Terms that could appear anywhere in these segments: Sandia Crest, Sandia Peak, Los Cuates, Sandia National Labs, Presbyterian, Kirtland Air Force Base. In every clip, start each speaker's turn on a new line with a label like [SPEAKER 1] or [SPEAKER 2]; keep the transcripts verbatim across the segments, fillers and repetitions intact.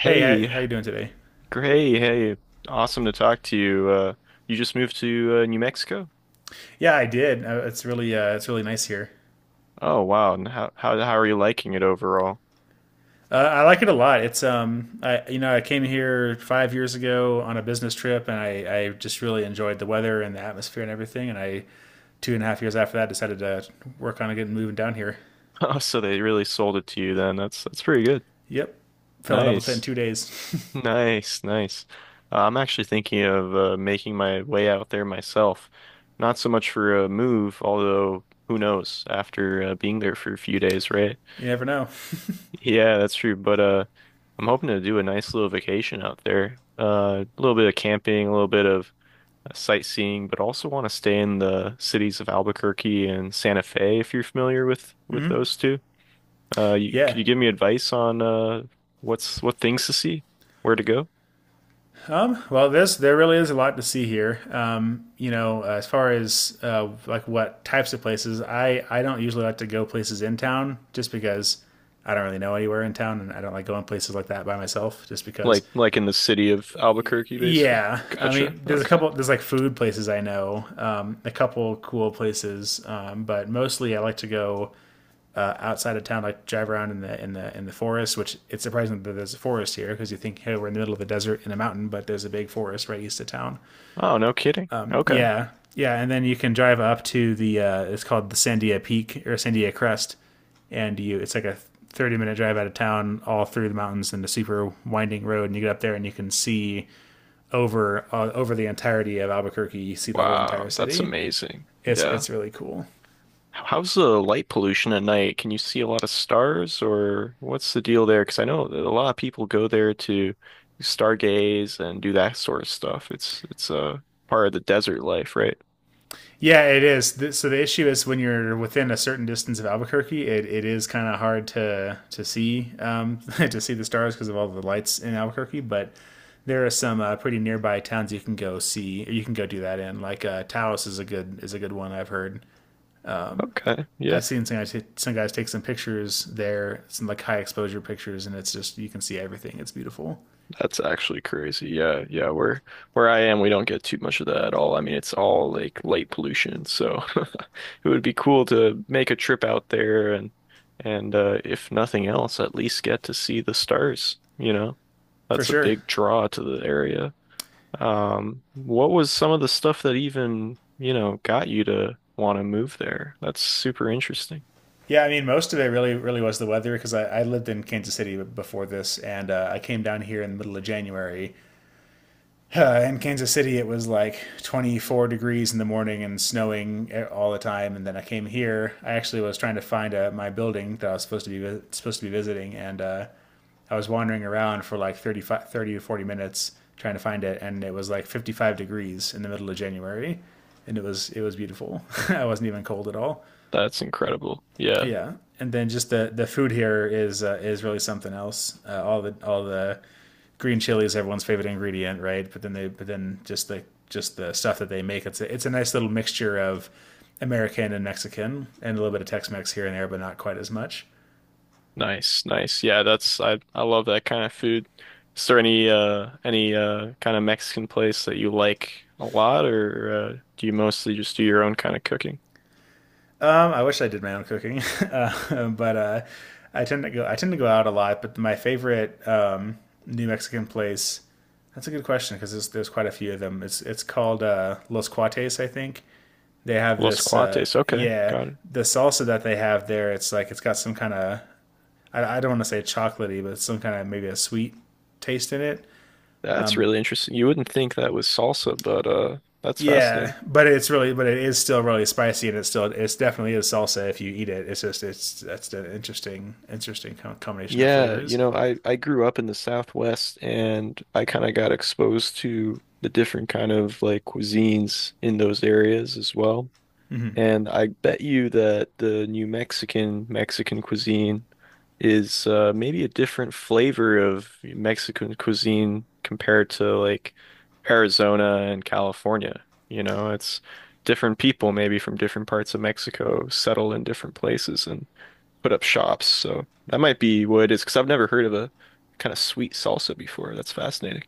[SPEAKER 1] Hey, how, how you doing today?
[SPEAKER 2] Gray, hey, awesome to talk to you. Uh, you just moved to uh, New Mexico?
[SPEAKER 1] Yeah, I did. Uh, It's really uh, it's really nice here.
[SPEAKER 2] Oh, wow. And how how how are you liking it overall?
[SPEAKER 1] Uh, I like it a lot. It's um, I you know I came here five years ago on a business trip, and I I just really enjoyed the weather and the atmosphere and everything. And I two and a half years after that decided to work on getting moving down here.
[SPEAKER 2] Oh, so they really sold it to you then. That's that's pretty good.
[SPEAKER 1] Yep, fell in love with it in
[SPEAKER 2] Nice.
[SPEAKER 1] two days.
[SPEAKER 2] Nice, nice. Uh, I'm actually thinking of uh, making my way out there myself. Not so much for a move, although who knows after uh, being there for a few days, right?
[SPEAKER 1] You never know.
[SPEAKER 2] Yeah, that's true. But uh, I'm hoping to do a nice little vacation out there. Uh, a little bit of camping, a little bit of uh, sightseeing, but also want to stay in the cities of Albuquerque and Santa Fe if you're familiar with with those two. Uh, you, could
[SPEAKER 1] Yeah.
[SPEAKER 2] you give me advice on uh, what's what things to see, where to go?
[SPEAKER 1] Um, well, this there really is a lot to see here. Um, you know, as far as uh, like what types of places, I I don't usually like to go places in town just because I don't really know anywhere in town, and I don't like going places like that by myself just because.
[SPEAKER 2] Like like in the city of Albuquerque, basically.
[SPEAKER 1] Yeah, I
[SPEAKER 2] Gotcha.
[SPEAKER 1] mean, there's a
[SPEAKER 2] Okay.
[SPEAKER 1] couple there's like food places I know, um, a couple cool places, um, but mostly I like to go uh, outside of town, like drive around in the in the in the forest. Which it's surprising that there's a forest here because you think, hey, we're in the middle of the desert in a mountain, but there's a big forest right east of town.
[SPEAKER 2] Oh, no kidding. Okay.
[SPEAKER 1] Yeah, yeah, and then you can drive up to the uh, it's called the Sandia Peak or Sandia Crest, and you it's like a thirty minute drive out of town, all through the mountains and a super winding road, and you get up there and you can see over uh, over the entirety of Albuquerque. You see the whole entire
[SPEAKER 2] Wow, that's
[SPEAKER 1] city.
[SPEAKER 2] amazing.
[SPEAKER 1] It's
[SPEAKER 2] Yeah.
[SPEAKER 1] it's really cool.
[SPEAKER 2] How's the light pollution at night? Can you see a lot of stars, or what's the deal there? Because I know that a lot of people go there to stargaze and do that sort of stuff. It's it's a part of the desert life, right?
[SPEAKER 1] Yeah, it is. So the issue is when you're within a certain distance of Albuquerque, it, it is kind of hard to to see um, to see the stars because of all the lights in Albuquerque. But there are some uh, pretty nearby towns you can go see. Or you can go do that in. Like uh, Taos is a good is a good one I've heard.
[SPEAKER 2] Okay, yeah.
[SPEAKER 1] I've seen some guys, t- some guys take some pictures there, some like high exposure pictures, and it's just you can see everything. It's beautiful
[SPEAKER 2] That's actually crazy. Yeah, yeah. Where where I am, we don't get too much of that at all. I mean, it's all like light pollution, so it would be cool to make a trip out there and and uh, if nothing else, at least get to see the stars, you know?
[SPEAKER 1] for
[SPEAKER 2] That's a
[SPEAKER 1] sure.
[SPEAKER 2] big draw to the area. Um, what was some of the stuff that even, you know, got you to want to move there? That's super interesting.
[SPEAKER 1] Yeah, I mean, most of it really, really was the weather because I, I lived in Kansas City before this, and uh, I came down here in the middle of January. Uh, in Kansas City, it was like twenty-four degrees in the morning and snowing eh, all the time. And then I came here. I actually was trying to find uh my building that I was supposed to be supposed to be visiting, and uh, I was wandering around for like thirty-five, thirty to forty minutes trying to find it, and it was like fifty-five degrees in the middle of January, and it was it was beautiful. I wasn't even cold at all.
[SPEAKER 2] That's incredible. Yeah.
[SPEAKER 1] Yeah, and then just the the food here is uh, is really something else. Uh, all the all the green chili is everyone's favorite ingredient, right? But then they but then just the just the stuff that they make it's a, it's a nice little mixture of American and Mexican and a little bit of Tex-Mex here and there, but not quite as much.
[SPEAKER 2] Nice, nice. Yeah, that's I I love that kind of food. Is there any uh any uh kind of Mexican place that you like a lot or uh do you mostly just do your own kind of cooking?
[SPEAKER 1] Um, I wish I did my own cooking, uh, but uh, I tend to go I tend to go out a lot. But my favorite um, New Mexican place. That's a good question because there's, there's quite a few of them. It's it's called uh, Los Cuates, I think, they have
[SPEAKER 2] Los
[SPEAKER 1] this uh,
[SPEAKER 2] Cuates. Okay,
[SPEAKER 1] yeah,
[SPEAKER 2] got it.
[SPEAKER 1] the salsa that they have there, it's like it's got some kind of I, I don't want to say chocolatey, but it's some kind of maybe a sweet taste in it.
[SPEAKER 2] That's really interesting. You wouldn't think that was salsa, but uh that's
[SPEAKER 1] Yeah,
[SPEAKER 2] fascinating.
[SPEAKER 1] but it's really, but it is still really spicy, and it's still it's definitely is salsa. If you eat it, it's just it's that's an interesting interesting combination of
[SPEAKER 2] Yeah, you
[SPEAKER 1] flavors.
[SPEAKER 2] know, I I grew up in the Southwest and I kind of got exposed to the different kind of like cuisines in those areas as well. And I bet you that the New Mexican Mexican cuisine is uh, maybe a different flavor of Mexican cuisine compared to like Arizona and California. You know, it's different people maybe from different parts of Mexico settle in different places and put up shops. So that might be what it is, because I've never heard of a kind of sweet salsa before. That's fascinating.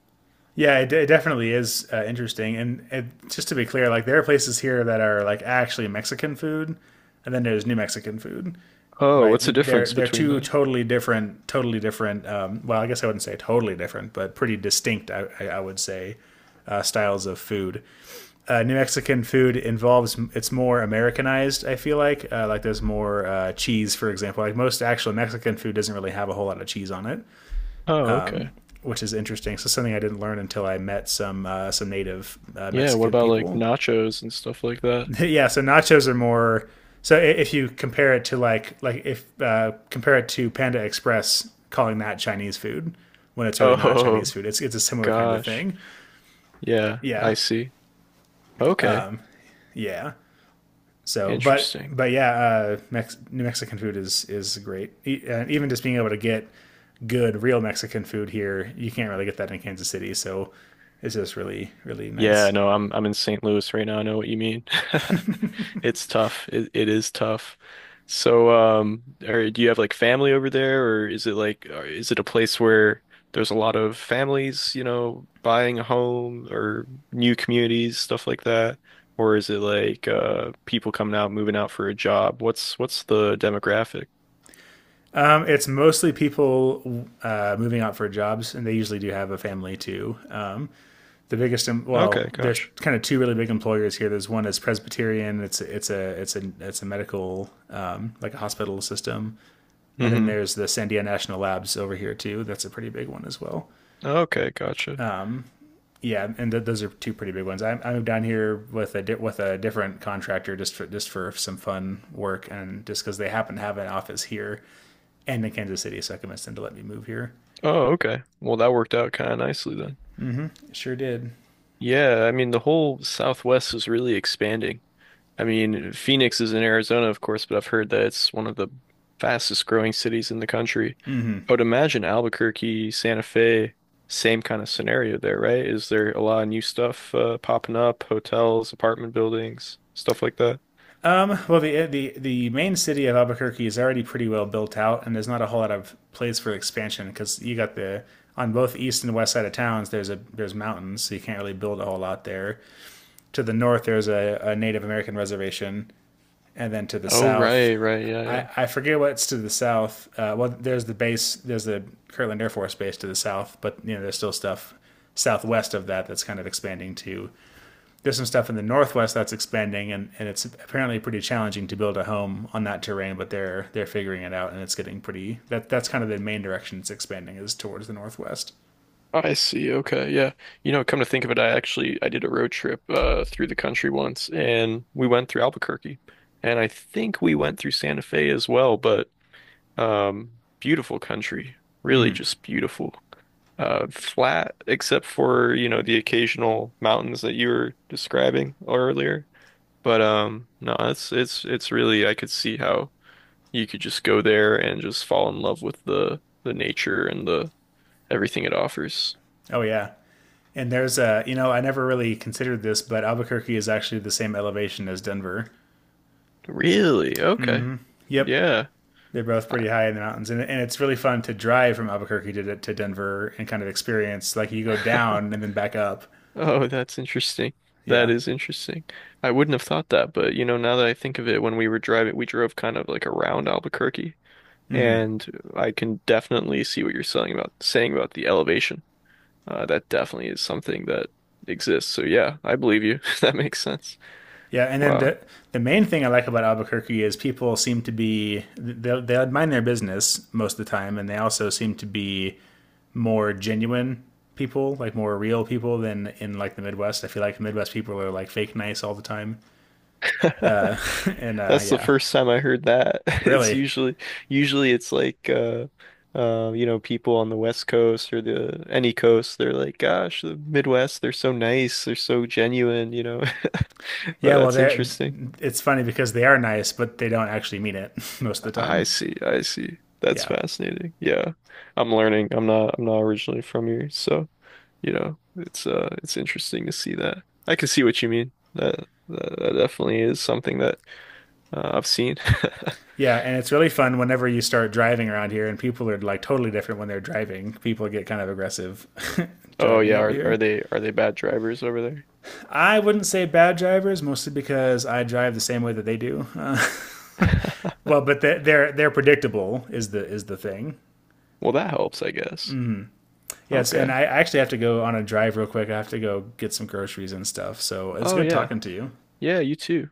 [SPEAKER 1] Yeah, it, it definitely is uh, interesting. And it, just to be clear, like there are places here that are like actually Mexican food, and then there's New Mexican food,
[SPEAKER 2] Oh,
[SPEAKER 1] right?
[SPEAKER 2] what's the
[SPEAKER 1] They're
[SPEAKER 2] difference
[SPEAKER 1] they're
[SPEAKER 2] between
[SPEAKER 1] two
[SPEAKER 2] the?
[SPEAKER 1] totally different, totally different. Um, well, I guess I wouldn't say totally different, but pretty distinct. I, I would say uh, styles of food. Uh, New Mexican food involves it's more Americanized. I feel like uh, like there's more uh, cheese, for example. Like most actual Mexican food doesn't really have a whole lot of cheese on it,
[SPEAKER 2] Oh, okay.
[SPEAKER 1] which is interesting. So something I didn't learn until I met some uh, some native uh,
[SPEAKER 2] Yeah, what
[SPEAKER 1] Mexican
[SPEAKER 2] about like
[SPEAKER 1] people.
[SPEAKER 2] nachos and stuff like that?
[SPEAKER 1] Yeah, so nachos are more. So if you compare it to like like if uh, compare it to Panda Express, calling that Chinese food when it's really not Chinese
[SPEAKER 2] Oh
[SPEAKER 1] food, it's it's a similar kind of
[SPEAKER 2] gosh.
[SPEAKER 1] thing.
[SPEAKER 2] Yeah, I
[SPEAKER 1] Yeah,
[SPEAKER 2] see. Okay.
[SPEAKER 1] yeah. So, but
[SPEAKER 2] Interesting.
[SPEAKER 1] but yeah, uh, Mex- New Mexican food is is great, e- and even just being able to get good real Mexican food here, you can't really get that in Kansas City. So it's just really really
[SPEAKER 2] Yeah,
[SPEAKER 1] nice.
[SPEAKER 2] no, I'm I'm in saint Louis right now. I know what you mean. It's tough. It it is tough. So, um, or do you have like family over there, or is it like, or is it a place where there's a lot of families, you know, buying a home or new communities, stuff like that? Or is it like uh people coming out, moving out for a job? What's what's the demographic?
[SPEAKER 1] Um, it's mostly people uh, moving out for jobs, and they usually do have a family too. Um, the biggest, well,
[SPEAKER 2] Okay,
[SPEAKER 1] there's
[SPEAKER 2] gotcha.
[SPEAKER 1] kind of two really big employers here. There's one is Presbyterian. It's it's a it's a it's a medical um, like a hospital system, and then
[SPEAKER 2] Mm-hmm.
[SPEAKER 1] there's the Sandia National Labs over here too. That's a pretty big one as well.
[SPEAKER 2] Okay, gotcha.
[SPEAKER 1] Yeah, and th- those are two pretty big ones. I, I moved down here with a di- with a different contractor just for just for some fun work, and just because they happen to have an office here and in Kansas City, so I convinced them to let me move here.
[SPEAKER 2] Oh, okay. Well, that worked out kind of nicely then.
[SPEAKER 1] It Sure did.
[SPEAKER 2] Yeah, I mean, the whole Southwest is really expanding. I mean, Phoenix is in Arizona, of course, but I've heard that it's one of the fastest growing cities in the country. I would imagine Albuquerque, Santa Fe, same kind of scenario there, right? Is there a lot of new stuff uh, popping up, hotels, apartment buildings, stuff like that?
[SPEAKER 1] Um, well, the, the the main city of Albuquerque is already pretty well built out, and there's not a whole lot of place for expansion because you got the on both east and west side of towns. There's a there's mountains, so you can't really build a whole lot there. To the north, there's a, a Native American reservation, and then to the
[SPEAKER 2] Oh,
[SPEAKER 1] south,
[SPEAKER 2] right, right, yeah,
[SPEAKER 1] I,
[SPEAKER 2] yeah.
[SPEAKER 1] I forget what's to the south. Uh, well, there's the base, there's the Kirtland Air Force Base to the south, but you know there's still stuff southwest of that that's kind of expanding too. There's some stuff in the northwest that's expanding, and, and it's apparently pretty challenging to build a home on that terrain, but they're they're figuring it out, and it's getting pretty that that's kind of the main direction it's expanding is towards the northwest.
[SPEAKER 2] I see. Okay. Yeah. You know, come to think of it, I actually I did a road trip uh through the country once and we went through Albuquerque and I think we went through Santa Fe as well, but um beautiful country. Really just beautiful. Uh flat except for, you know, the occasional mountains that you were describing earlier. But um no, it's it's it's really I could see how you could just go there and just fall in love with the the nature and the everything it offers.
[SPEAKER 1] Oh yeah, and there's a, you know, I never really considered this, but Albuquerque is actually the same elevation as Denver.
[SPEAKER 2] Really? Okay.
[SPEAKER 1] Yep,
[SPEAKER 2] Yeah.
[SPEAKER 1] they're both
[SPEAKER 2] I-
[SPEAKER 1] pretty high in the mountains, and, and it's really fun to drive from Albuquerque to, to Denver and kind of experience like you go down and then back up.
[SPEAKER 2] Oh, that's interesting. That
[SPEAKER 1] Yeah.
[SPEAKER 2] is interesting. I wouldn't have thought that, but you know, now that I think of it, when we were driving, we drove kind of like around Albuquerque, and I can definitely see what you're saying about saying about the elevation. Uh, that definitely is something that exists. So yeah, I believe you. That makes sense.
[SPEAKER 1] Yeah, and then
[SPEAKER 2] Wow.
[SPEAKER 1] the the main thing I like about Albuquerque is people seem to be they they mind their business most of the time, and they also seem to be more genuine people, like more real people than in like the Midwest. I feel like the Midwest people are like fake nice all the time, and uh,
[SPEAKER 2] That's the
[SPEAKER 1] yeah,
[SPEAKER 2] first time I heard that. It's
[SPEAKER 1] really,
[SPEAKER 2] usually usually it's like uh uh you know people on the West Coast or the any coast they're like gosh the Midwest they're so nice they're so genuine you know but
[SPEAKER 1] yeah. Well,
[SPEAKER 2] that's
[SPEAKER 1] they
[SPEAKER 2] interesting.
[SPEAKER 1] it's funny because they are nice, but they don't actually mean it most of the
[SPEAKER 2] I
[SPEAKER 1] time.
[SPEAKER 2] see I see that's
[SPEAKER 1] Yeah.
[SPEAKER 2] fascinating. Yeah, I'm learning. I'm not I'm not originally from here so you know it's uh it's interesting to see that. I can see what you mean. That that, that definitely is something that uh, I've seen.
[SPEAKER 1] Yeah, and it's really fun whenever you start driving around here, and people are like totally different when they're driving. People get kind of aggressive
[SPEAKER 2] Oh
[SPEAKER 1] driving
[SPEAKER 2] yeah,
[SPEAKER 1] over
[SPEAKER 2] are are
[SPEAKER 1] here.
[SPEAKER 2] they are they bad drivers over there?
[SPEAKER 1] I wouldn't say bad drivers, mostly because I drive the same way that they do. Uh, well, but they- they're they're predictable is the is the thing.
[SPEAKER 2] Well, that helps, I guess.
[SPEAKER 1] Yes, and
[SPEAKER 2] Okay.
[SPEAKER 1] I actually have to go on a drive real quick. I have to go get some groceries and stuff. So it's
[SPEAKER 2] Oh
[SPEAKER 1] good
[SPEAKER 2] yeah.
[SPEAKER 1] talking to you.
[SPEAKER 2] Yeah, you too.